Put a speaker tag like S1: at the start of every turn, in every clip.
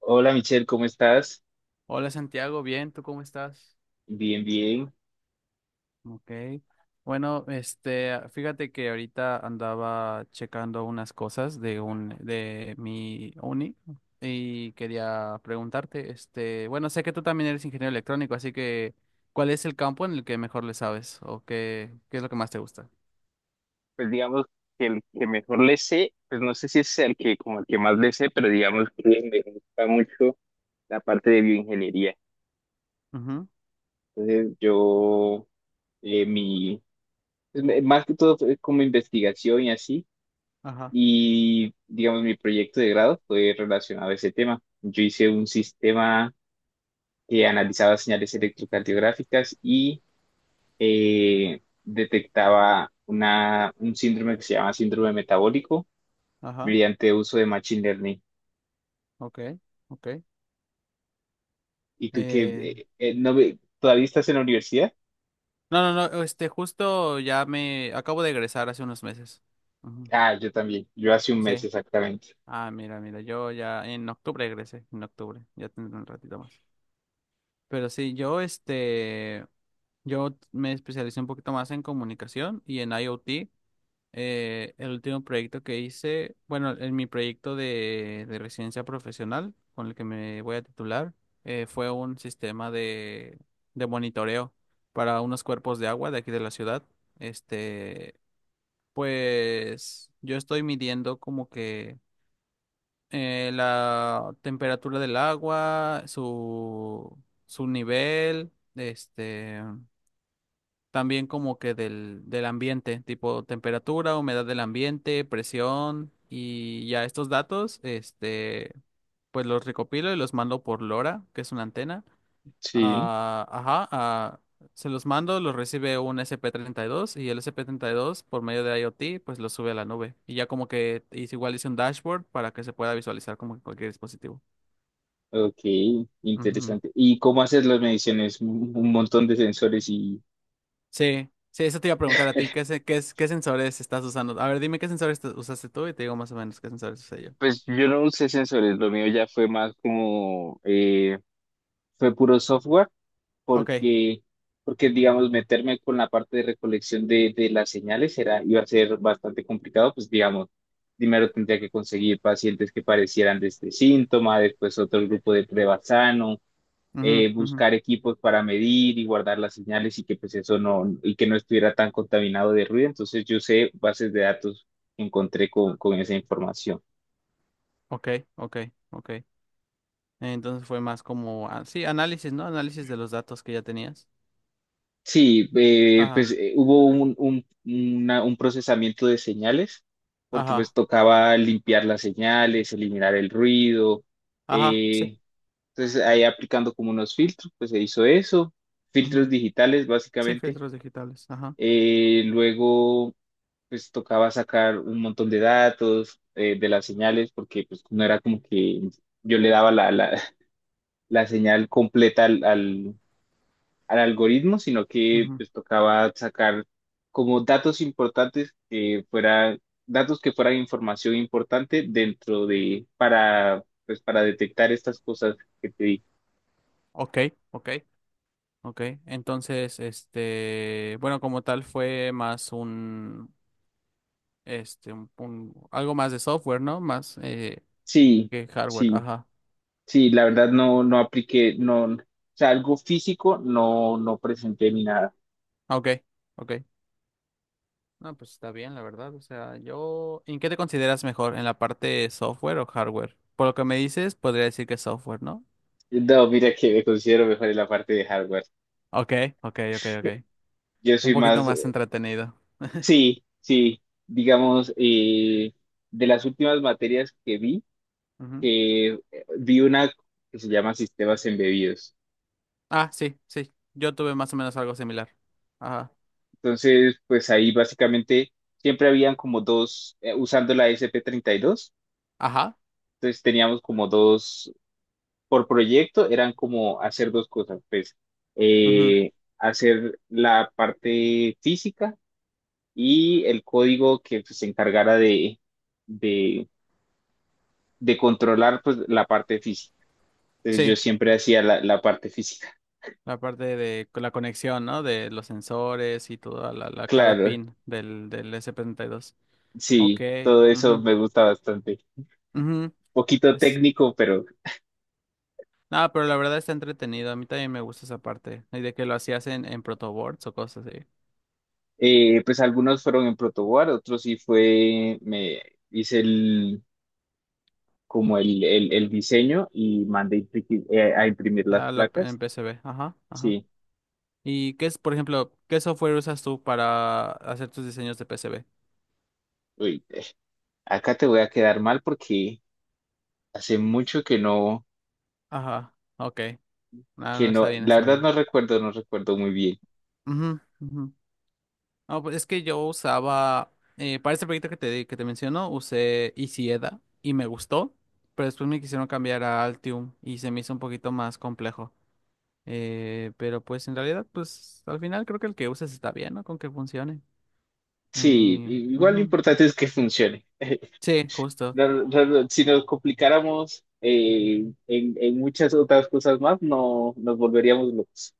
S1: Hola Michelle, ¿cómo estás?
S2: Hola Santiago, bien, ¿tú cómo estás?
S1: Bien, bien.
S2: Ok. Bueno, este, fíjate que ahorita andaba checando unas cosas de mi uni y quería preguntarte, este, bueno, sé que tú también eres ingeniero electrónico, así que ¿cuál es el campo en el que mejor le sabes o qué es lo que más te gusta?
S1: Pues digamos que el que mejor le sé, pues no sé si es el que como el que más le sé, pero digamos que me gusta mucho la parte de bioingeniería.
S2: Ujú.
S1: Entonces yo, mi, pues, más que todo fue como investigación y así,
S2: Ajá,
S1: y digamos mi proyecto de grado fue relacionado a ese tema. Yo hice un sistema que analizaba señales electrocardiográficas y detectaba un síndrome que se llama síndrome metabólico
S2: ajá.
S1: mediante uso de Machine Learning.
S2: Ok, ok.
S1: ¿Y tú qué?
S2: Eh,
S1: No, ¿todavía estás en la universidad?
S2: no, no, no, este, justo ya me acabo de egresar hace unos meses. Ujú.
S1: Ah, yo también, yo hace un mes
S2: Sí.
S1: exactamente.
S2: Ah, mira, mira, yo ya en octubre egresé, en octubre, ya tendré un ratito más. Pero sí, yo me especialicé un poquito más en comunicación y en IoT. El último proyecto que hice, bueno, en mi proyecto de residencia profesional, con el que me voy a titular, fue un sistema de monitoreo para unos cuerpos de agua de aquí de la ciudad. Este, pues yo estoy midiendo como que la temperatura del agua, su nivel, este, también como que del ambiente, tipo temperatura, humedad del ambiente, presión, y ya estos datos, este, pues los recopilo y los mando por LoRa, que es una antena.
S1: Sí,
S2: Ajá, se los mando, los recibe un sp treinta y dos y el sp dos por medio de IoT pues lo sube a la nube. Y ya como que igual hice un dashboard para que se pueda visualizar como en cualquier dispositivo.
S1: ok,
S2: Ujú.
S1: interesante. ¿Y cómo haces las mediciones? Un montón de sensores y...
S2: Sí, sí, eso te iba a preguntar a ti, ¿qué, se- qué, es- qué sensores estás usando? A ver, dime qué sensores usaste tú y te digo más o menos qué sensores usé yo.
S1: Pues yo no usé sensores, lo mío ya fue más como... fue puro software.
S2: Ok.
S1: porque, porque digamos, meterme con la parte de recolección de las señales era, iba a ser bastante complicado, pues digamos, primero tendría que conseguir pacientes que parecieran de este síntoma, después otro grupo de prueba sano,
S2: Ujú, ujú.
S1: buscar equipos para medir y guardar las señales y que pues eso no, y que no estuviera tan contaminado de ruido. Entonces yo sé bases de datos que encontré con esa información.
S2: Ok, ok, ok. Entonces fue más como, sí, análisis, ¿no? Análisis de los datos que ya tenías.
S1: Sí, pues
S2: Ajá,
S1: hubo un procesamiento de señales, porque pues
S2: ajá,
S1: tocaba limpiar las señales, eliminar el ruido.
S2: ajá, sí.
S1: eh, entonces ahí aplicando como unos filtros, pues se hizo eso, filtros digitales
S2: Sí,
S1: básicamente.
S2: filtros digitales. Ajá.
S1: Luego pues tocaba sacar un montón de datos de las señales, porque pues no era como que yo le daba la señal completa al algoritmo, sino que
S2: Ujú.
S1: pues tocaba sacar como datos importantes que fuera, datos que fueran información importante dentro de, para, pues para detectar estas cosas que te di.
S2: Ok, ok, ok. Entonces, este, bueno, como tal fue más un, este, un- algo más de software, ¿no? Más
S1: Sí,
S2: que hardware.
S1: sí,
S2: Ajá.
S1: sí, la verdad no, no apliqué, no, o sea, algo físico no, no presenté ni nada.
S2: Ok, ok. No, pues está bien, la verdad. O sea, yo, ¿en qué te consideras mejor? ¿En la parte software o hardware? Por lo que me dices, podría decir que software, ¿no?
S1: No, mira que me considero mejor en la parte de hardware.
S2: Ok, ok, ok, ok.
S1: Yo
S2: Un
S1: soy
S2: poquito
S1: más,
S2: más entretenido.
S1: sí, sí, digamos, de las últimas materias
S2: Ujú.
S1: que vi una que se llama Sistemas Embebidos.
S2: Ah, sí, sí. Yo tuve más o menos algo similar. Ajá.
S1: Entonces, pues ahí básicamente siempre habían como dos, usando la SP32,
S2: Ajá.
S1: entonces teníamos como dos, por proyecto eran como hacer dos cosas, pues
S2: Ujú.
S1: eh, hacer la parte física y el código que pues, se encargara de, de controlar pues la parte física. Entonces yo
S2: Sí,
S1: siempre hacía la, la parte física.
S2: la parte la conexión, ¿no? De los sensores y toda cada
S1: Claro,
S2: pin del S72. Ok.
S1: sí, todo eso
S2: Ujú,
S1: me gusta bastante.
S2: ujú.
S1: Poquito
S2: as-
S1: técnico, pero
S2: No, pero la verdad está entretenido. A mí también me gusta esa parte. Y de que lo hacías en protoboards o cosas así.
S1: pues algunos fueron en protoboard, otros sí fue, me hice el, como el diseño y mandé a imprimir las
S2: Ah,
S1: placas.
S2: en PCB. Ajá, ajá.
S1: Sí,
S2: ¿Y qué es, por ejemplo, qué software usas tú para hacer tus diseños de PCB?
S1: uy, eh, acá te voy a quedar mal porque hace mucho
S2: Ajá, ok. Ah,
S1: que
S2: no, está
S1: no,
S2: bien,
S1: la
S2: está
S1: verdad
S2: bien.
S1: no recuerdo, no recuerdo muy bien.
S2: Ujú, ujú. No, pues es que yo usaba, para este proyecto que te menciono, usé Isieda y me gustó, pero después me quisieron cambiar a Altium y se me hizo un poquito más complejo. Pero pues en realidad, pues al final creo que el que uses está bien, ¿no? Con que funcione.
S1: Sí,
S2: Y,
S1: igual lo
S2: ujú.
S1: importante es que funcione.
S2: Sí, justo.
S1: No, si nos complicáramos en muchas otras cosas más, no nos volveríamos locos.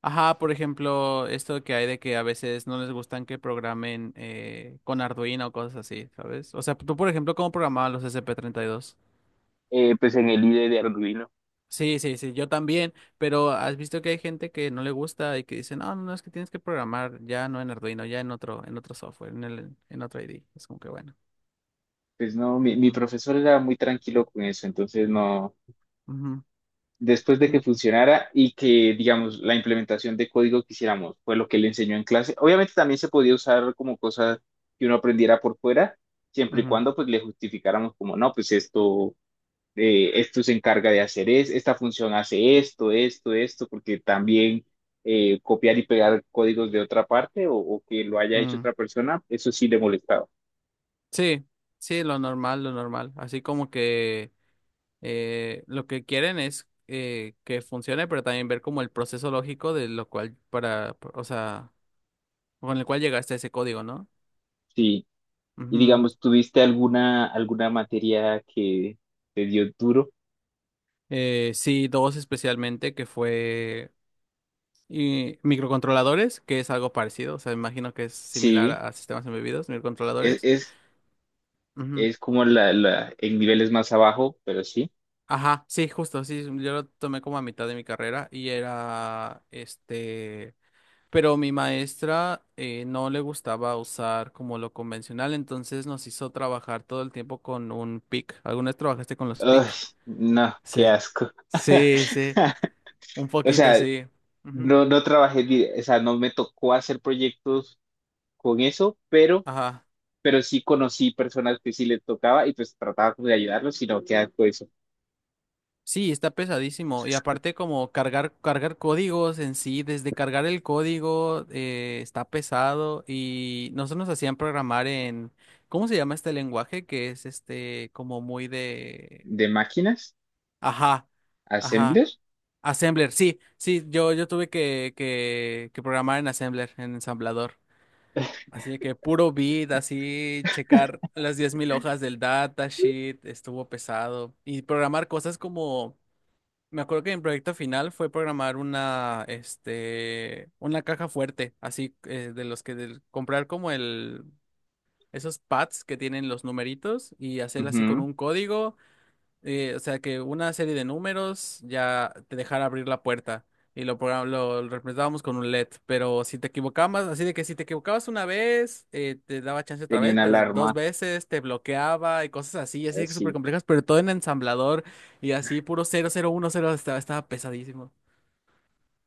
S2: Ajá, por ejemplo, esto que hay de que a veces no les gustan que programen con Arduino o cosas así, ¿sabes? O sea, tú, por ejemplo, ¿cómo programabas los S P treinta y dos?
S1: Pues en el IDE de Arduino.
S2: Sí, sí, sí, yo también, pero has visto que hay gente que no le gusta y que dice, no, no, no, es que tienes que programar ya no en Arduino, ya en otro software, en otro ID. Es como que bueno.
S1: Pues no, mi
S2: Ujú,
S1: profesor era muy tranquilo con eso, entonces no,
S2: ujú.
S1: después de que funcionara y que, digamos, la implementación de código que hiciéramos fue lo que le enseñó en clase. Obviamente también se podía usar como cosas que uno aprendiera por fuera, siempre y
S2: Mm.
S1: cuando pues le justificáramos como, no, pues esto, esto se encarga de hacer es, esta función hace esto, esto, esto, porque también copiar y pegar códigos de otra parte o que lo haya
S2: Ujú.
S1: hecho
S2: Mm.
S1: otra persona, eso sí le molestaba.
S2: Sí, sí, lo normal, lo normal. Así como que lo que quieren es que funcione, pero también ver como el proceso lógico de lo cual para, o sea, con el cual llegaste a ese código, ¿no?
S1: Sí. Y
S2: Ujú.
S1: digamos, ¿tuviste alguna materia que te dio duro?
S2: Sí, dos especialmente, que fue y microcontroladores, que es algo parecido, o sea, imagino que es similar
S1: Sí,
S2: a sistemas embebidos,
S1: es,
S2: microcontroladores.
S1: es,
S2: Ujú.
S1: es como la, en niveles más abajo, pero sí.
S2: Ajá, sí, justo, sí, sí, yo lo tomé como a mitad de mi carrera y era, este, pero mi maestra no le gustaba usar como lo convencional, entonces nos hizo trabajar todo el tiempo con un PIC. ¿Alguna vez trabajaste con los
S1: Ay,
S2: PIC?
S1: no, qué
S2: Sí,
S1: asco.
S2: sí, sí, un
S1: O
S2: poquito
S1: sea,
S2: sí. Ujú.
S1: no, no trabajé, o sea, no me tocó hacer proyectos con eso,
S2: Ajá.
S1: pero sí conocí personas que sí les tocaba y pues trataba como de ayudarlos, sino que asco eso.
S2: Sí, está pesadísimo. Y aparte como cargar códigos en sí, desde cargar el código está pesado y nosotros nos hacían programar en, ¿cómo se llama este lenguaje? Que es este como muy de...
S1: De máquinas,
S2: Ajá, ajá.
S1: assembler.
S2: Assembler, sí, sí, yo tuve que programar en Assembler, en ensamblador. Así que puro bit, así checar las 10,000 hojas del datasheet, estuvo pesado. Y programar cosas como... Me acuerdo que mi proyecto final fue programar una caja fuerte, así de los que comprar como el, esos pads que tienen los numeritos y hacer así con
S1: Ujú.
S2: un código o sea que una serie de números ya te dejara abrir la puerta y lo representábamos con un LED, pero si te equivocabas, así de que si te equivocabas una vez, te daba chance otra
S1: Tenía
S2: vez,
S1: una
S2: pero dos
S1: alarma
S2: veces te bloqueaba y cosas así, así que súper
S1: así.
S2: complejas, pero todo en ensamblador y así puro 0010 estaba pesadísimo.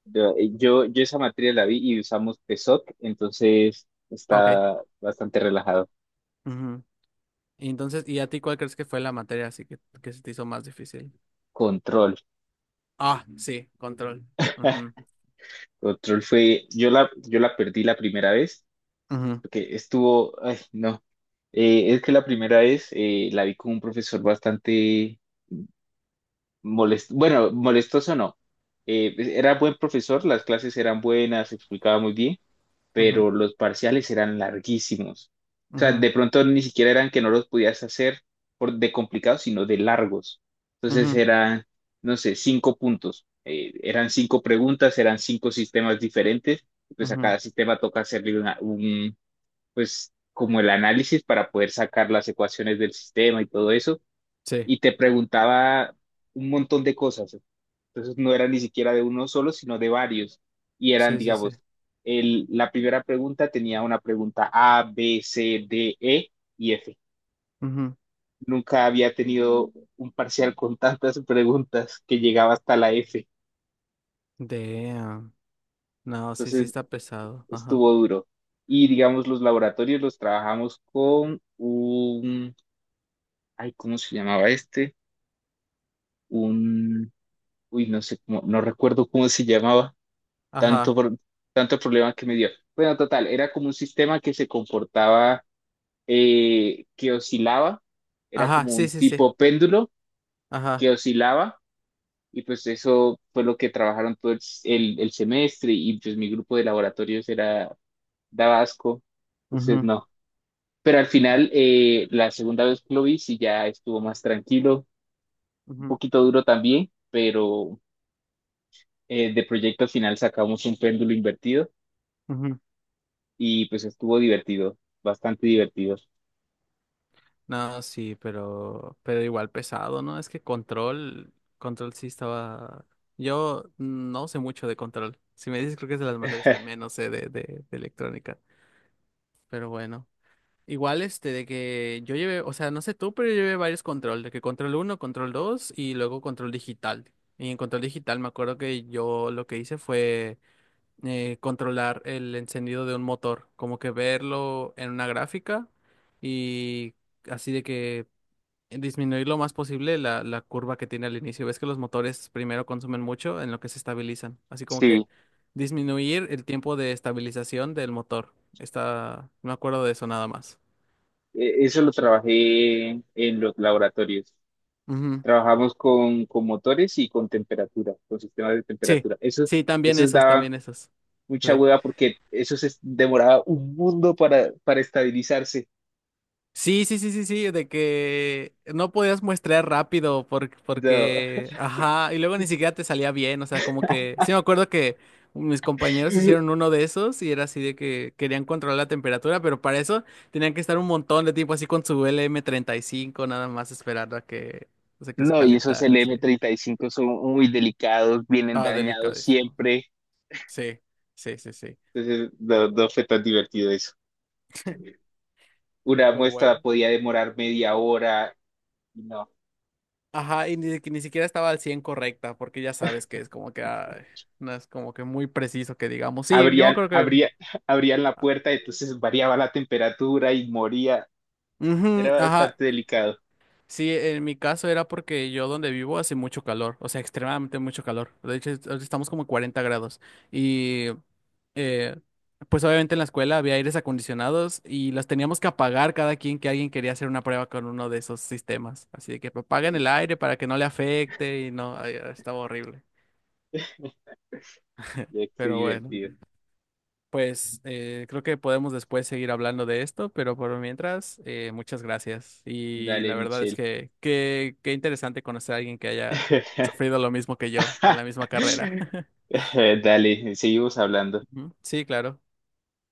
S1: Yo, yo esa materia la vi y usamos PSOC, entonces
S2: Ah, ok.
S1: está bastante relajado.
S2: Ujú. Y entonces, ¿y a ti cuál crees que fue la materia así que se te hizo más difícil?
S1: Control.
S2: Ah, sí, control. Ujú,
S1: Control fue, yo la perdí la primera vez,
S2: ujú,
S1: porque estuvo, ay, no. Es que la primera vez la vi con un profesor bastante, bueno, molestoso no. Pues, era buen profesor, las clases eran buenas, explicaba muy bien,
S2: ujú,
S1: pero los parciales eran larguísimos. O sea,
S2: ujú,
S1: de pronto ni siquiera eran que no los podías hacer por, de complicados, sino de largos. Entonces
S2: ujú,
S1: eran, no sé, cinco puntos. Eran cinco preguntas, eran cinco sistemas diferentes. Y pues a
S2: ujú.
S1: cada sistema toca hacerle un, pues como el análisis para poder sacar las ecuaciones del sistema y todo eso
S2: Sí.
S1: y te preguntaba un montón de cosas. Entonces no era ni siquiera de uno solo, sino de varios. Y eran,
S2: Sí, sí, sí.
S1: digamos, el, la primera pregunta tenía una pregunta A, B, C, D, E y F.
S2: Ujú.
S1: Nunca había tenido un parcial con tantas preguntas que llegaba hasta la F.
S2: Damn. No, sí, sí
S1: Entonces
S2: está pesado. Ajá.
S1: estuvo duro. Y digamos, los laboratorios los trabajamos con un, ay, ¿cómo se llamaba este? Un, uy, no sé, no recuerdo cómo se llamaba tanto,
S2: Ajá.
S1: tanto problema que me dio. Bueno, total, era como un sistema que se comportaba, que oscilaba, era
S2: Ajá,
S1: como
S2: sí,
S1: un
S2: sí, sí.
S1: tipo péndulo
S2: Ajá.
S1: que oscilaba y pues eso fue lo que trabajaron todo el, el semestre y pues mi grupo de laboratorios era daba asco, entonces
S2: Ujú,
S1: no. Pero al final, la segunda vez que lo vi, sí ya estuvo más tranquilo, un
S2: ujú,
S1: poquito duro también, pero de proyecto final sacamos un péndulo invertido.
S2: ujú.
S1: Y pues estuvo divertido, bastante divertido.
S2: No, sí, pero igual pesado, ¿no? Es que control, control sí estaba. Yo no sé mucho de control. Si me dices, creo que es de las materias que menos sé de electrónica. Pero bueno. Igual este de que yo llevé, o sea, no sé tú, pero yo llevé varios control, de que control uno control 2 y luego control digital. Y en control digital me acuerdo que yo lo que hice fue controlar el encendido de un motor, como que verlo en una gráfica y así de que disminuir lo más posible la curva que tiene al inicio. Ves que los motores primero consumen mucho en lo que se estabilizan, así como
S1: Sí,
S2: que disminuir el tiempo de estabilización del motor. Está, me acuerdo de eso nada más.
S1: Eso lo trabajé en los laboratorios.
S2: Ujú.
S1: Trabajamos con motores y con temperatura, con sistemas de
S2: Sí,
S1: temperatura. Eso,
S2: sí, también
S1: eso
S2: esos,
S1: daba
S2: también esos.
S1: mucha
S2: Sí.
S1: hueva porque eso se demoraba un mundo para estabilizarse.
S2: Sí, sí, sí, sí, sí, de que no podías muestrear rápido
S1: No,
S2: porque, ajá, y luego ni siquiera te salía bien, o sea, como que, sí me acuerdo que mis compañeros hicieron uno de esos y era así de que querían controlar la temperatura, pero para eso tenían que estar un montón de tiempo así con su lm cinco nada más esperando a que, o sea, que se
S1: no, y esos
S2: calentara,
S1: L
S2: sí.
S1: m treinta y cinco son muy delicados, vienen
S2: Ah,
S1: dañados
S2: delicadísimo.
S1: siempre.
S2: Sí, sí, sí, sí.
S1: Entonces, no, no fue tan divertido eso. Una
S2: Pero
S1: muestra
S2: bueno.
S1: podía demorar media hora. No,
S2: Ajá, y ni, que ni siquiera estaba al 100 correcta, porque ya sabes que es como que ay, no es como que muy preciso que digamos. Sí, yo me
S1: abrían,
S2: acuerdo que.
S1: abría- abrían la
S2: Ah.
S1: puerta, entonces variaba la temperatura y moría. Era
S2: Ujú, ajá.
S1: bastante delicado.
S2: Sí, en mi caso era porque yo donde vivo hace mucho calor, o sea, extremadamente mucho calor. De hecho, ahorita estamos como 40 grados. Y eh, pues obviamente en la escuela había aires acondicionados y los teníamos que apagar cada quien que alguien quería hacer una prueba con uno de esos sistemas. Así de que apaguen
S1: Uy,
S2: el aire para que no le afecte y no, ay, estaba horrible.
S1: ya, qué
S2: Pero bueno.
S1: divertido.
S2: Pues creo que podemos después seguir hablando de esto, pero por mientras, muchas gracias. Y
S1: Dale,
S2: la verdad es
S1: Michelle.
S2: que qué interesante conocer a alguien que haya sufrido lo mismo que yo en la misma carrera.
S1: Dale, seguimos hablando.
S2: Ujú. Sí, claro.